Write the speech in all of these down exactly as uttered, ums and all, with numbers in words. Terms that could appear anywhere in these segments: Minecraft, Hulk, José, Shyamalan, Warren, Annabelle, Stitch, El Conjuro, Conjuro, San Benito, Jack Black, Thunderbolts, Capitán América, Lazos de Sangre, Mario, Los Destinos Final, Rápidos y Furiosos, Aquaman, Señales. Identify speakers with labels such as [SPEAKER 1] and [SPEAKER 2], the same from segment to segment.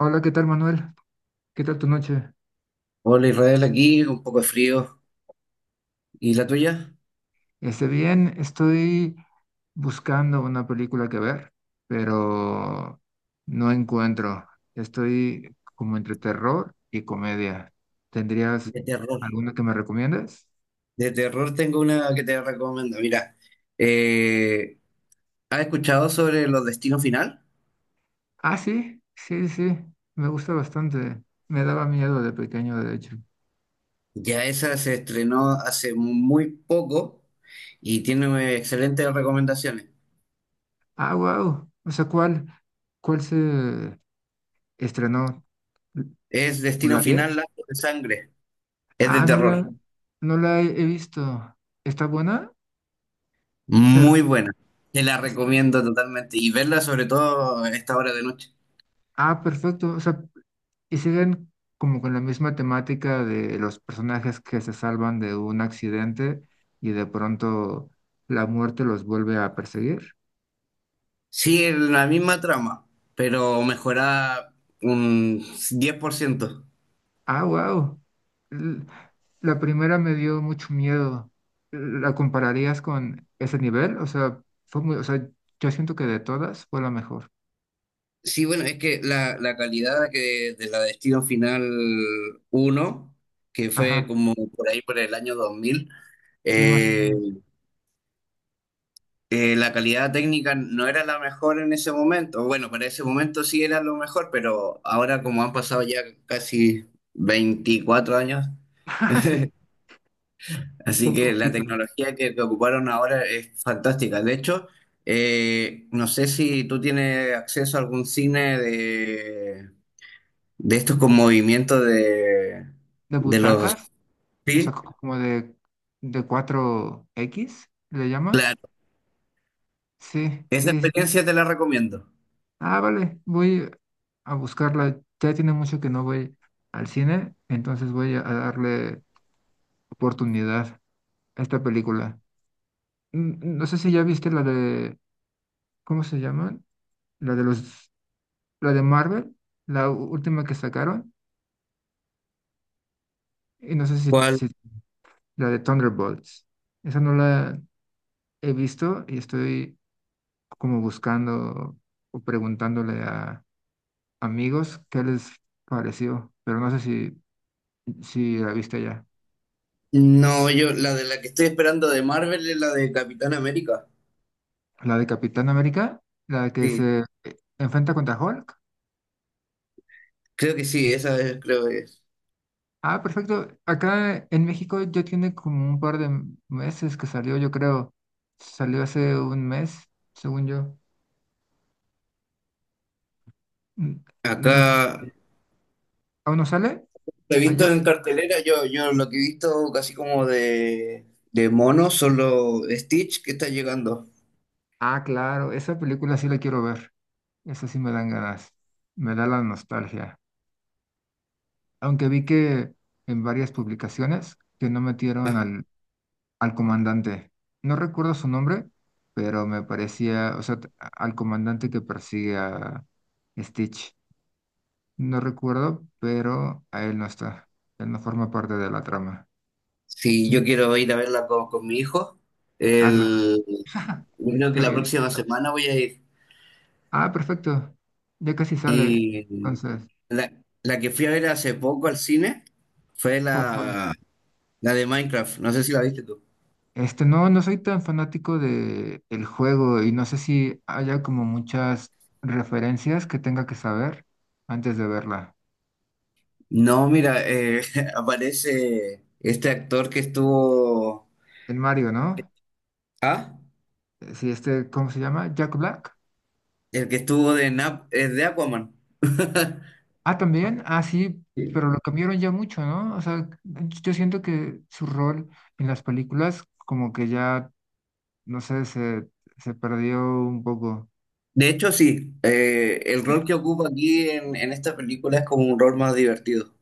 [SPEAKER 1] Hola, ¿qué tal, Manuel? ¿Qué tal tu noche?
[SPEAKER 2] Hola Israel, aquí un poco de frío. ¿Y la tuya?
[SPEAKER 1] Esté bien, estoy buscando una película que ver, pero no encuentro. Estoy como entre terror y comedia. ¿Tendrías
[SPEAKER 2] De terror.
[SPEAKER 1] alguna que me recomiendes?
[SPEAKER 2] De terror tengo una que te recomiendo. Mira, eh, ¿has escuchado sobre Los Destinos Final?
[SPEAKER 1] Ah, sí, sí, sí, me gusta bastante. Me daba miedo de pequeño, de hecho.
[SPEAKER 2] Ya esa se estrenó hace muy poco y tiene excelentes recomendaciones.
[SPEAKER 1] Ah, wow. O sea, ¿cuál, cuál se estrenó?
[SPEAKER 2] Es Destino
[SPEAKER 1] ¿La
[SPEAKER 2] Final,
[SPEAKER 1] diez?
[SPEAKER 2] Lazos de Sangre. Es de
[SPEAKER 1] Ah, no la,
[SPEAKER 2] terror.
[SPEAKER 1] no la he he visto. ¿Está buena? Se
[SPEAKER 2] Muy
[SPEAKER 1] res-
[SPEAKER 2] buena. Te la recomiendo totalmente y verla sobre todo a esta hora de noche.
[SPEAKER 1] Ah, perfecto. O sea, y siguen como con la misma temática de los personajes que se salvan de un accidente y de pronto la muerte los vuelve a perseguir.
[SPEAKER 2] Sí, la misma trama, pero mejorada un diez por ciento.
[SPEAKER 1] Ah, wow. La primera me dio mucho miedo. ¿La compararías con ese nivel? O sea, fue muy, o sea, yo siento que de todas fue la mejor.
[SPEAKER 2] Sí, bueno, es que la, la calidad que, de la Destino Final uno, que fue
[SPEAKER 1] Ajá.
[SPEAKER 2] como por ahí por el año dos mil,
[SPEAKER 1] Sí, más o
[SPEAKER 2] eh,
[SPEAKER 1] menos.
[SPEAKER 2] eh, la calidad técnica no era la mejor en ese momento. Bueno, para ese momento sí era lo mejor, pero ahora como han pasado ya casi veinticuatro años.
[SPEAKER 1] Ah, sí,
[SPEAKER 2] Así
[SPEAKER 1] un
[SPEAKER 2] que la
[SPEAKER 1] poquito.
[SPEAKER 2] tecnología que, que ocuparon ahora es fantástica. De hecho, eh, no sé si tú tienes acceso a algún cine de, de estos con movimientos de,
[SPEAKER 1] ¿De
[SPEAKER 2] de los...
[SPEAKER 1] butacas? O sea,
[SPEAKER 2] Sí,
[SPEAKER 1] co- como de, de cuatro x le llaman.
[SPEAKER 2] claro.
[SPEAKER 1] Sí,
[SPEAKER 2] Esa
[SPEAKER 1] sí, sí.
[SPEAKER 2] experiencia te la recomiendo.
[SPEAKER 1] Ah, vale, voy a buscarla. Ya tiene mucho que no voy al cine, entonces voy a darle oportunidad a esta película. Mm, no sé si ya viste la de, ¿cómo se llaman? La de los, la de Marvel, la u- última que sacaron, y no sé si,
[SPEAKER 2] ¿Cuál?
[SPEAKER 1] si la de Thunderbolts. Esa no la he visto y estoy como buscando o preguntándole a amigos, ¿qué les pareció? Pero no sé si, si la viste ya.
[SPEAKER 2] No, yo la de la que estoy esperando de Marvel es la de Capitán América.
[SPEAKER 1] La de Capitán América, la que
[SPEAKER 2] Sí,
[SPEAKER 1] se eh, enfrenta contra Hulk.
[SPEAKER 2] creo que sí, esa es, creo que es.
[SPEAKER 1] Ah, perfecto. Acá en México ya tiene como un par de m- meses que salió, yo creo. Salió hace un mes, según yo. Mm, no sé
[SPEAKER 2] Acá
[SPEAKER 1] si- ¿Aún no sale?
[SPEAKER 2] lo he
[SPEAKER 1] ¿Allá?
[SPEAKER 2] visto en cartelera, yo, yo lo que he visto casi como de, de mono, solo Stitch que está llegando.
[SPEAKER 1] Ah, claro, esa película sí la quiero ver. Esa sí me dan ganas. Me da la nostalgia. Aunque vi que en varias publicaciones que no metieron al al comandante. No recuerdo su nombre, pero me parecía, o sea, t- al comandante que persigue a Stitch. No recuerdo, pero a él no está. Él no forma parte de la trama.
[SPEAKER 2] Sí,
[SPEAKER 1] Mm.
[SPEAKER 2] yo quiero ir a verla con, con mi hijo,
[SPEAKER 1] Ah, claro,
[SPEAKER 2] el, yo creo que
[SPEAKER 1] qué
[SPEAKER 2] la
[SPEAKER 1] bello.
[SPEAKER 2] próxima semana voy a ir.
[SPEAKER 1] Ah, perfecto. Ya casi sale.
[SPEAKER 2] Y
[SPEAKER 1] Entonces,
[SPEAKER 2] la, la que fui a ver hace poco al cine fue
[SPEAKER 1] ¿cuál fue?
[SPEAKER 2] la, la de Minecraft, no sé si la viste tú.
[SPEAKER 1] Este, no, no soy tan fanático de el juego y no sé si haya como muchas referencias que tenga que saber antes de verla.
[SPEAKER 2] No, mira, eh, aparece este actor que estuvo...
[SPEAKER 1] El Mario, ¿no?
[SPEAKER 2] Ah,
[SPEAKER 1] Eh, Sí, este, ¿cómo se llama? Jack Black.
[SPEAKER 2] el que estuvo de, Nap, eh, de Aquaman.
[SPEAKER 1] Ah, también. Ah, sí, pero lo cambiaron ya mucho, ¿no? O sea, yo siento que su rol en las películas como que ya, no sé, se, se perdió un poco.
[SPEAKER 2] De hecho, sí, eh, el rol que ocupa aquí en, en esta película es como un rol más divertido.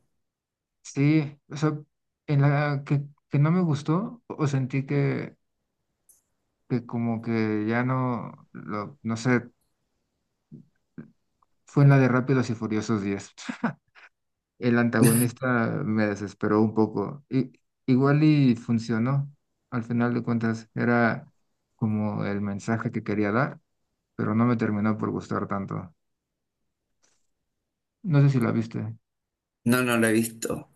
[SPEAKER 1] Sí, o sea, en la que, que no me gustó o sentí que, que como que ya no, lo, no sé, fue en la de Rápidos y Furiosos diez. El antagonista me desesperó un poco. I- igual y funcionó. Al final de cuentas, era como el mensaje que quería dar, pero no me terminó por gustar tanto. No sé si la viste.
[SPEAKER 2] No, no lo he visto.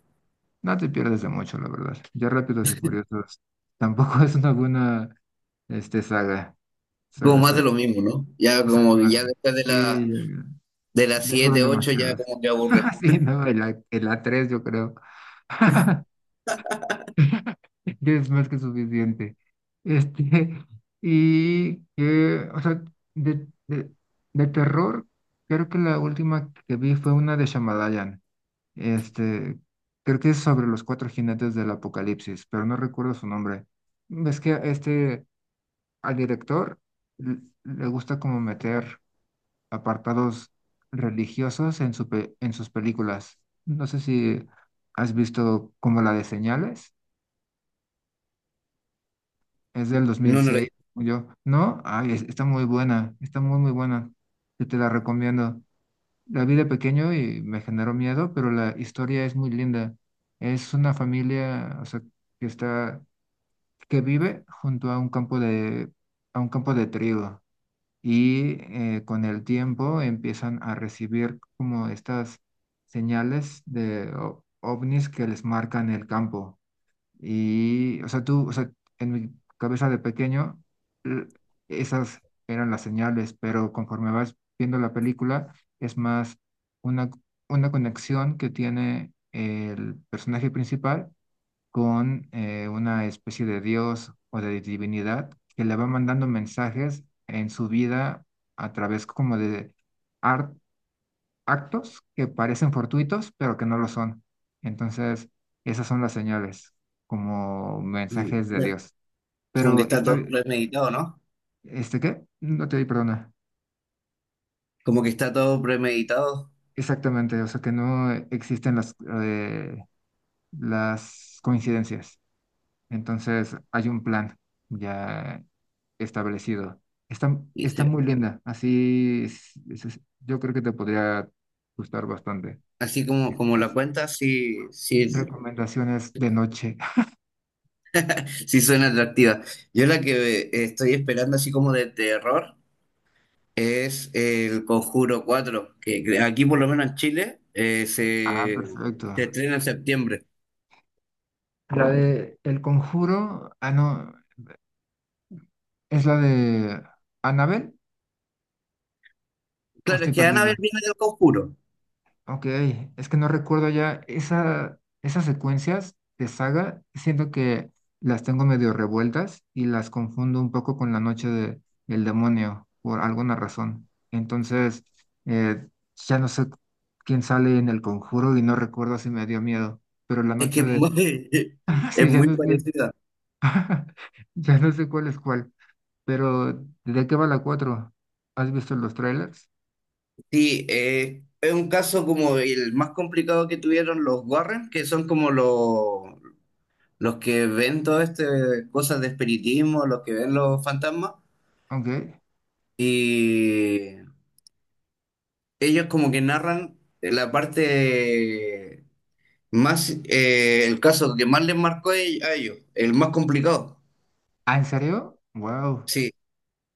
[SPEAKER 1] No te pierdes de mucho, la verdad. Ya Rápidos y Furiosos tampoco es una buena este, saga.
[SPEAKER 2] Como
[SPEAKER 1] Saga,
[SPEAKER 2] más
[SPEAKER 1] saga.
[SPEAKER 2] de lo mismo, ¿no? Ya como que
[SPEAKER 1] Exactamente.
[SPEAKER 2] ya después de
[SPEAKER 1] Sí,
[SPEAKER 2] la
[SPEAKER 1] ya,
[SPEAKER 2] de las
[SPEAKER 1] ya fueron
[SPEAKER 2] siete ocho ya
[SPEAKER 1] demasiados.
[SPEAKER 2] como que aburre.
[SPEAKER 1] Sí, no, el, A- el a tres yo creo. Ya es más que suficiente. Este, y que, o sea, de, de, de terror, creo que la última que vi fue una de Shyamalan. Este, creo que es sobre los cuatro jinetes del apocalipsis, pero no recuerdo su nombre. Es que este, al director l- le gusta como meter apartados religiosos en su pe- en sus películas. No sé si has visto como la de Señales. Es del
[SPEAKER 2] No, no lo
[SPEAKER 1] dos mil seis,
[SPEAKER 2] he
[SPEAKER 1] como yo. ¿No? Ay, es- está muy buena, está muy, muy buena. Yo te la recomiendo. La vi de pequeño y me generó miedo, pero la historia es muy linda. Es una familia, o sea, que está, que vive junto a un campo de, a un campo de trigo. Y eh, con el tiempo empiezan a recibir como estas señales de o- ovnis que les marcan el campo. Y, o sea, tú, o sea, en mi cabeza de pequeño, l- esas eran las señales, pero conforme vas viendo la película, es más una, una conexión que tiene el personaje principal con eh, una especie de dios o de divinidad que le va mandando mensajes en su vida a través como de actos que parecen fortuitos, pero que no lo son. Entonces, esas son las señales, como mensajes de
[SPEAKER 2] visto.
[SPEAKER 1] Dios.
[SPEAKER 2] Como que
[SPEAKER 1] Pero
[SPEAKER 2] está
[SPEAKER 1] está,
[SPEAKER 2] todo
[SPEAKER 1] ok.
[SPEAKER 2] premeditado, ¿no?
[SPEAKER 1] ¿Este qué? No te di perdona.
[SPEAKER 2] Como que está todo premeditado.
[SPEAKER 1] Exactamente, o sea que no existen las, eh, las coincidencias. Entonces, hay un plan ya establecido. Está,
[SPEAKER 2] Y
[SPEAKER 1] está
[SPEAKER 2] se-
[SPEAKER 1] muy linda, así es- es- es- yo creo que te podría gustar bastante.
[SPEAKER 2] Así como, como la cuenta, sí, sí,
[SPEAKER 1] Recomendaciones de noche.
[SPEAKER 2] sí suena atractiva. Yo la que eh, estoy esperando así como de terror es el Conjuro cuatro que cre- aquí por lo menos en Chile eh,
[SPEAKER 1] Ah,
[SPEAKER 2] se,
[SPEAKER 1] perfecto.
[SPEAKER 2] se estrena en septiembre.
[SPEAKER 1] La de El Conjuro, ah, no, ¿es la de Annabelle? ¿O
[SPEAKER 2] Claro, es
[SPEAKER 1] estoy
[SPEAKER 2] que
[SPEAKER 1] perdida?
[SPEAKER 2] Annabelle viene del Conjuro.
[SPEAKER 1] Ok, es que no recuerdo ya esa, esas secuencias de saga, siento que las tengo medio revueltas y las confundo un poco con la noche de, del demonio por alguna razón. Entonces, eh, ya no sé quién sale en El Conjuro y no recuerdo si me dio miedo, pero la
[SPEAKER 2] Es que
[SPEAKER 1] noche
[SPEAKER 2] es
[SPEAKER 1] de...
[SPEAKER 2] muy, es
[SPEAKER 1] Sí, ya
[SPEAKER 2] muy
[SPEAKER 1] no sé,
[SPEAKER 2] parecida.
[SPEAKER 1] ya no sé cuál es cuál. Pero, ¿de qué va la cuatro? ¿Has visto los trailers?
[SPEAKER 2] Sí, eh, es un caso como el más complicado que tuvieron los Warren, que son como los, los que ven todas estas cosas de espiritismo, los que ven los fantasmas,
[SPEAKER 1] Ok.
[SPEAKER 2] y ellos como que narran la parte más, eh, el caso que más les marcó a ell- a ellos, el más complicado.
[SPEAKER 1] ¿Ah, en serio? Wow.
[SPEAKER 2] Sí,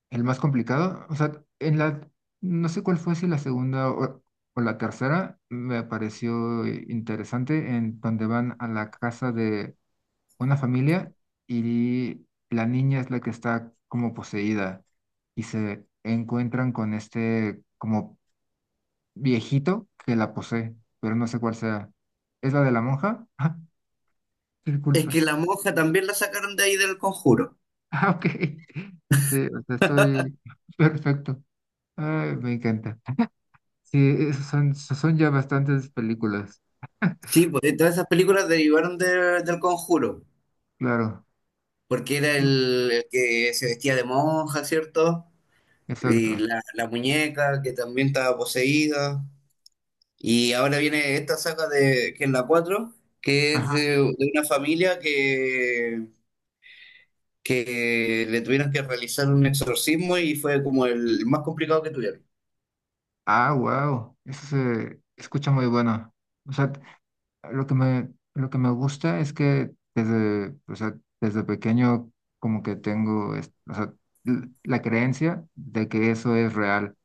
[SPEAKER 1] ¿El más complicado? O sea, en la... No sé cuál fue, si la segunda o, o la tercera, me pareció eh, interesante, en donde van a la casa de una familia y la niña es la que está como poseída y se encuentran con este como viejito que la posee, pero no sé cuál sea. ¿Es la de la monja? Ah,
[SPEAKER 2] es
[SPEAKER 1] disculpa.
[SPEAKER 2] que la monja también la sacaron de ahí del conjuro.
[SPEAKER 1] Ah, ok. Sí, o sea, estoy perfecto. Ay, me encanta. Sí, esos son, son ya bastantes películas.
[SPEAKER 2] Sí, pues todas esas películas derivaron de- del conjuro,
[SPEAKER 1] Claro,
[SPEAKER 2] porque era el, el que se vestía de monja, ¿cierto? Y
[SPEAKER 1] exacto.
[SPEAKER 2] la, la muñeca que también estaba poseída. Y ahora viene esta saga de, que es la cuatro que es
[SPEAKER 1] Ajá.
[SPEAKER 2] de, de una familia que, que le tuvieron que realizar un exorcismo y fue como el más complicado que tuvieron.
[SPEAKER 1] Ah, wow. Eso se escucha muy bueno. O sea, lo que me, lo que me gusta es que desde, o sea, desde pequeño como que tengo es- o sea, l- la creencia de que eso es real.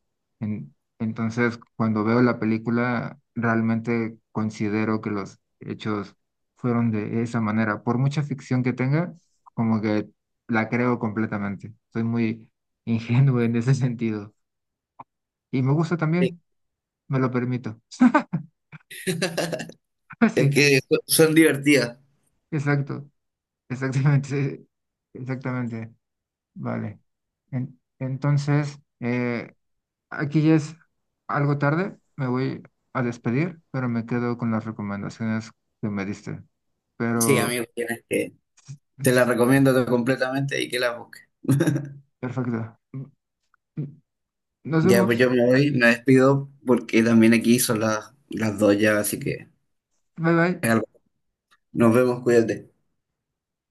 [SPEAKER 1] En- entonces, cuando veo la película, realmente considero que los hechos fueron de esa manera. Por mucha ficción que tenga, como que la creo completamente. Soy muy ingenuo en ese sentido. Y me gusta
[SPEAKER 2] Sí.
[SPEAKER 1] también, me lo permito.
[SPEAKER 2] Es
[SPEAKER 1] Sí,
[SPEAKER 2] que so- son divertidas.
[SPEAKER 1] exacto. Exactamente, sí, exactamente, vale. En- entonces, eh, aquí ya es algo tarde, me voy a despedir, pero me quedo con las recomendaciones que me diste.
[SPEAKER 2] Sí,
[SPEAKER 1] Pero,
[SPEAKER 2] amigo, tienes que. Te la
[SPEAKER 1] es-
[SPEAKER 2] recomiendo to- completamente y que la busques.
[SPEAKER 1] perfecto. Nos
[SPEAKER 2] Ya, pues
[SPEAKER 1] vemos.
[SPEAKER 2] yo me voy, me despido porque también aquí son las, las dos ya, así que
[SPEAKER 1] Bye bye.
[SPEAKER 2] es algo. Nos vemos, cuídate.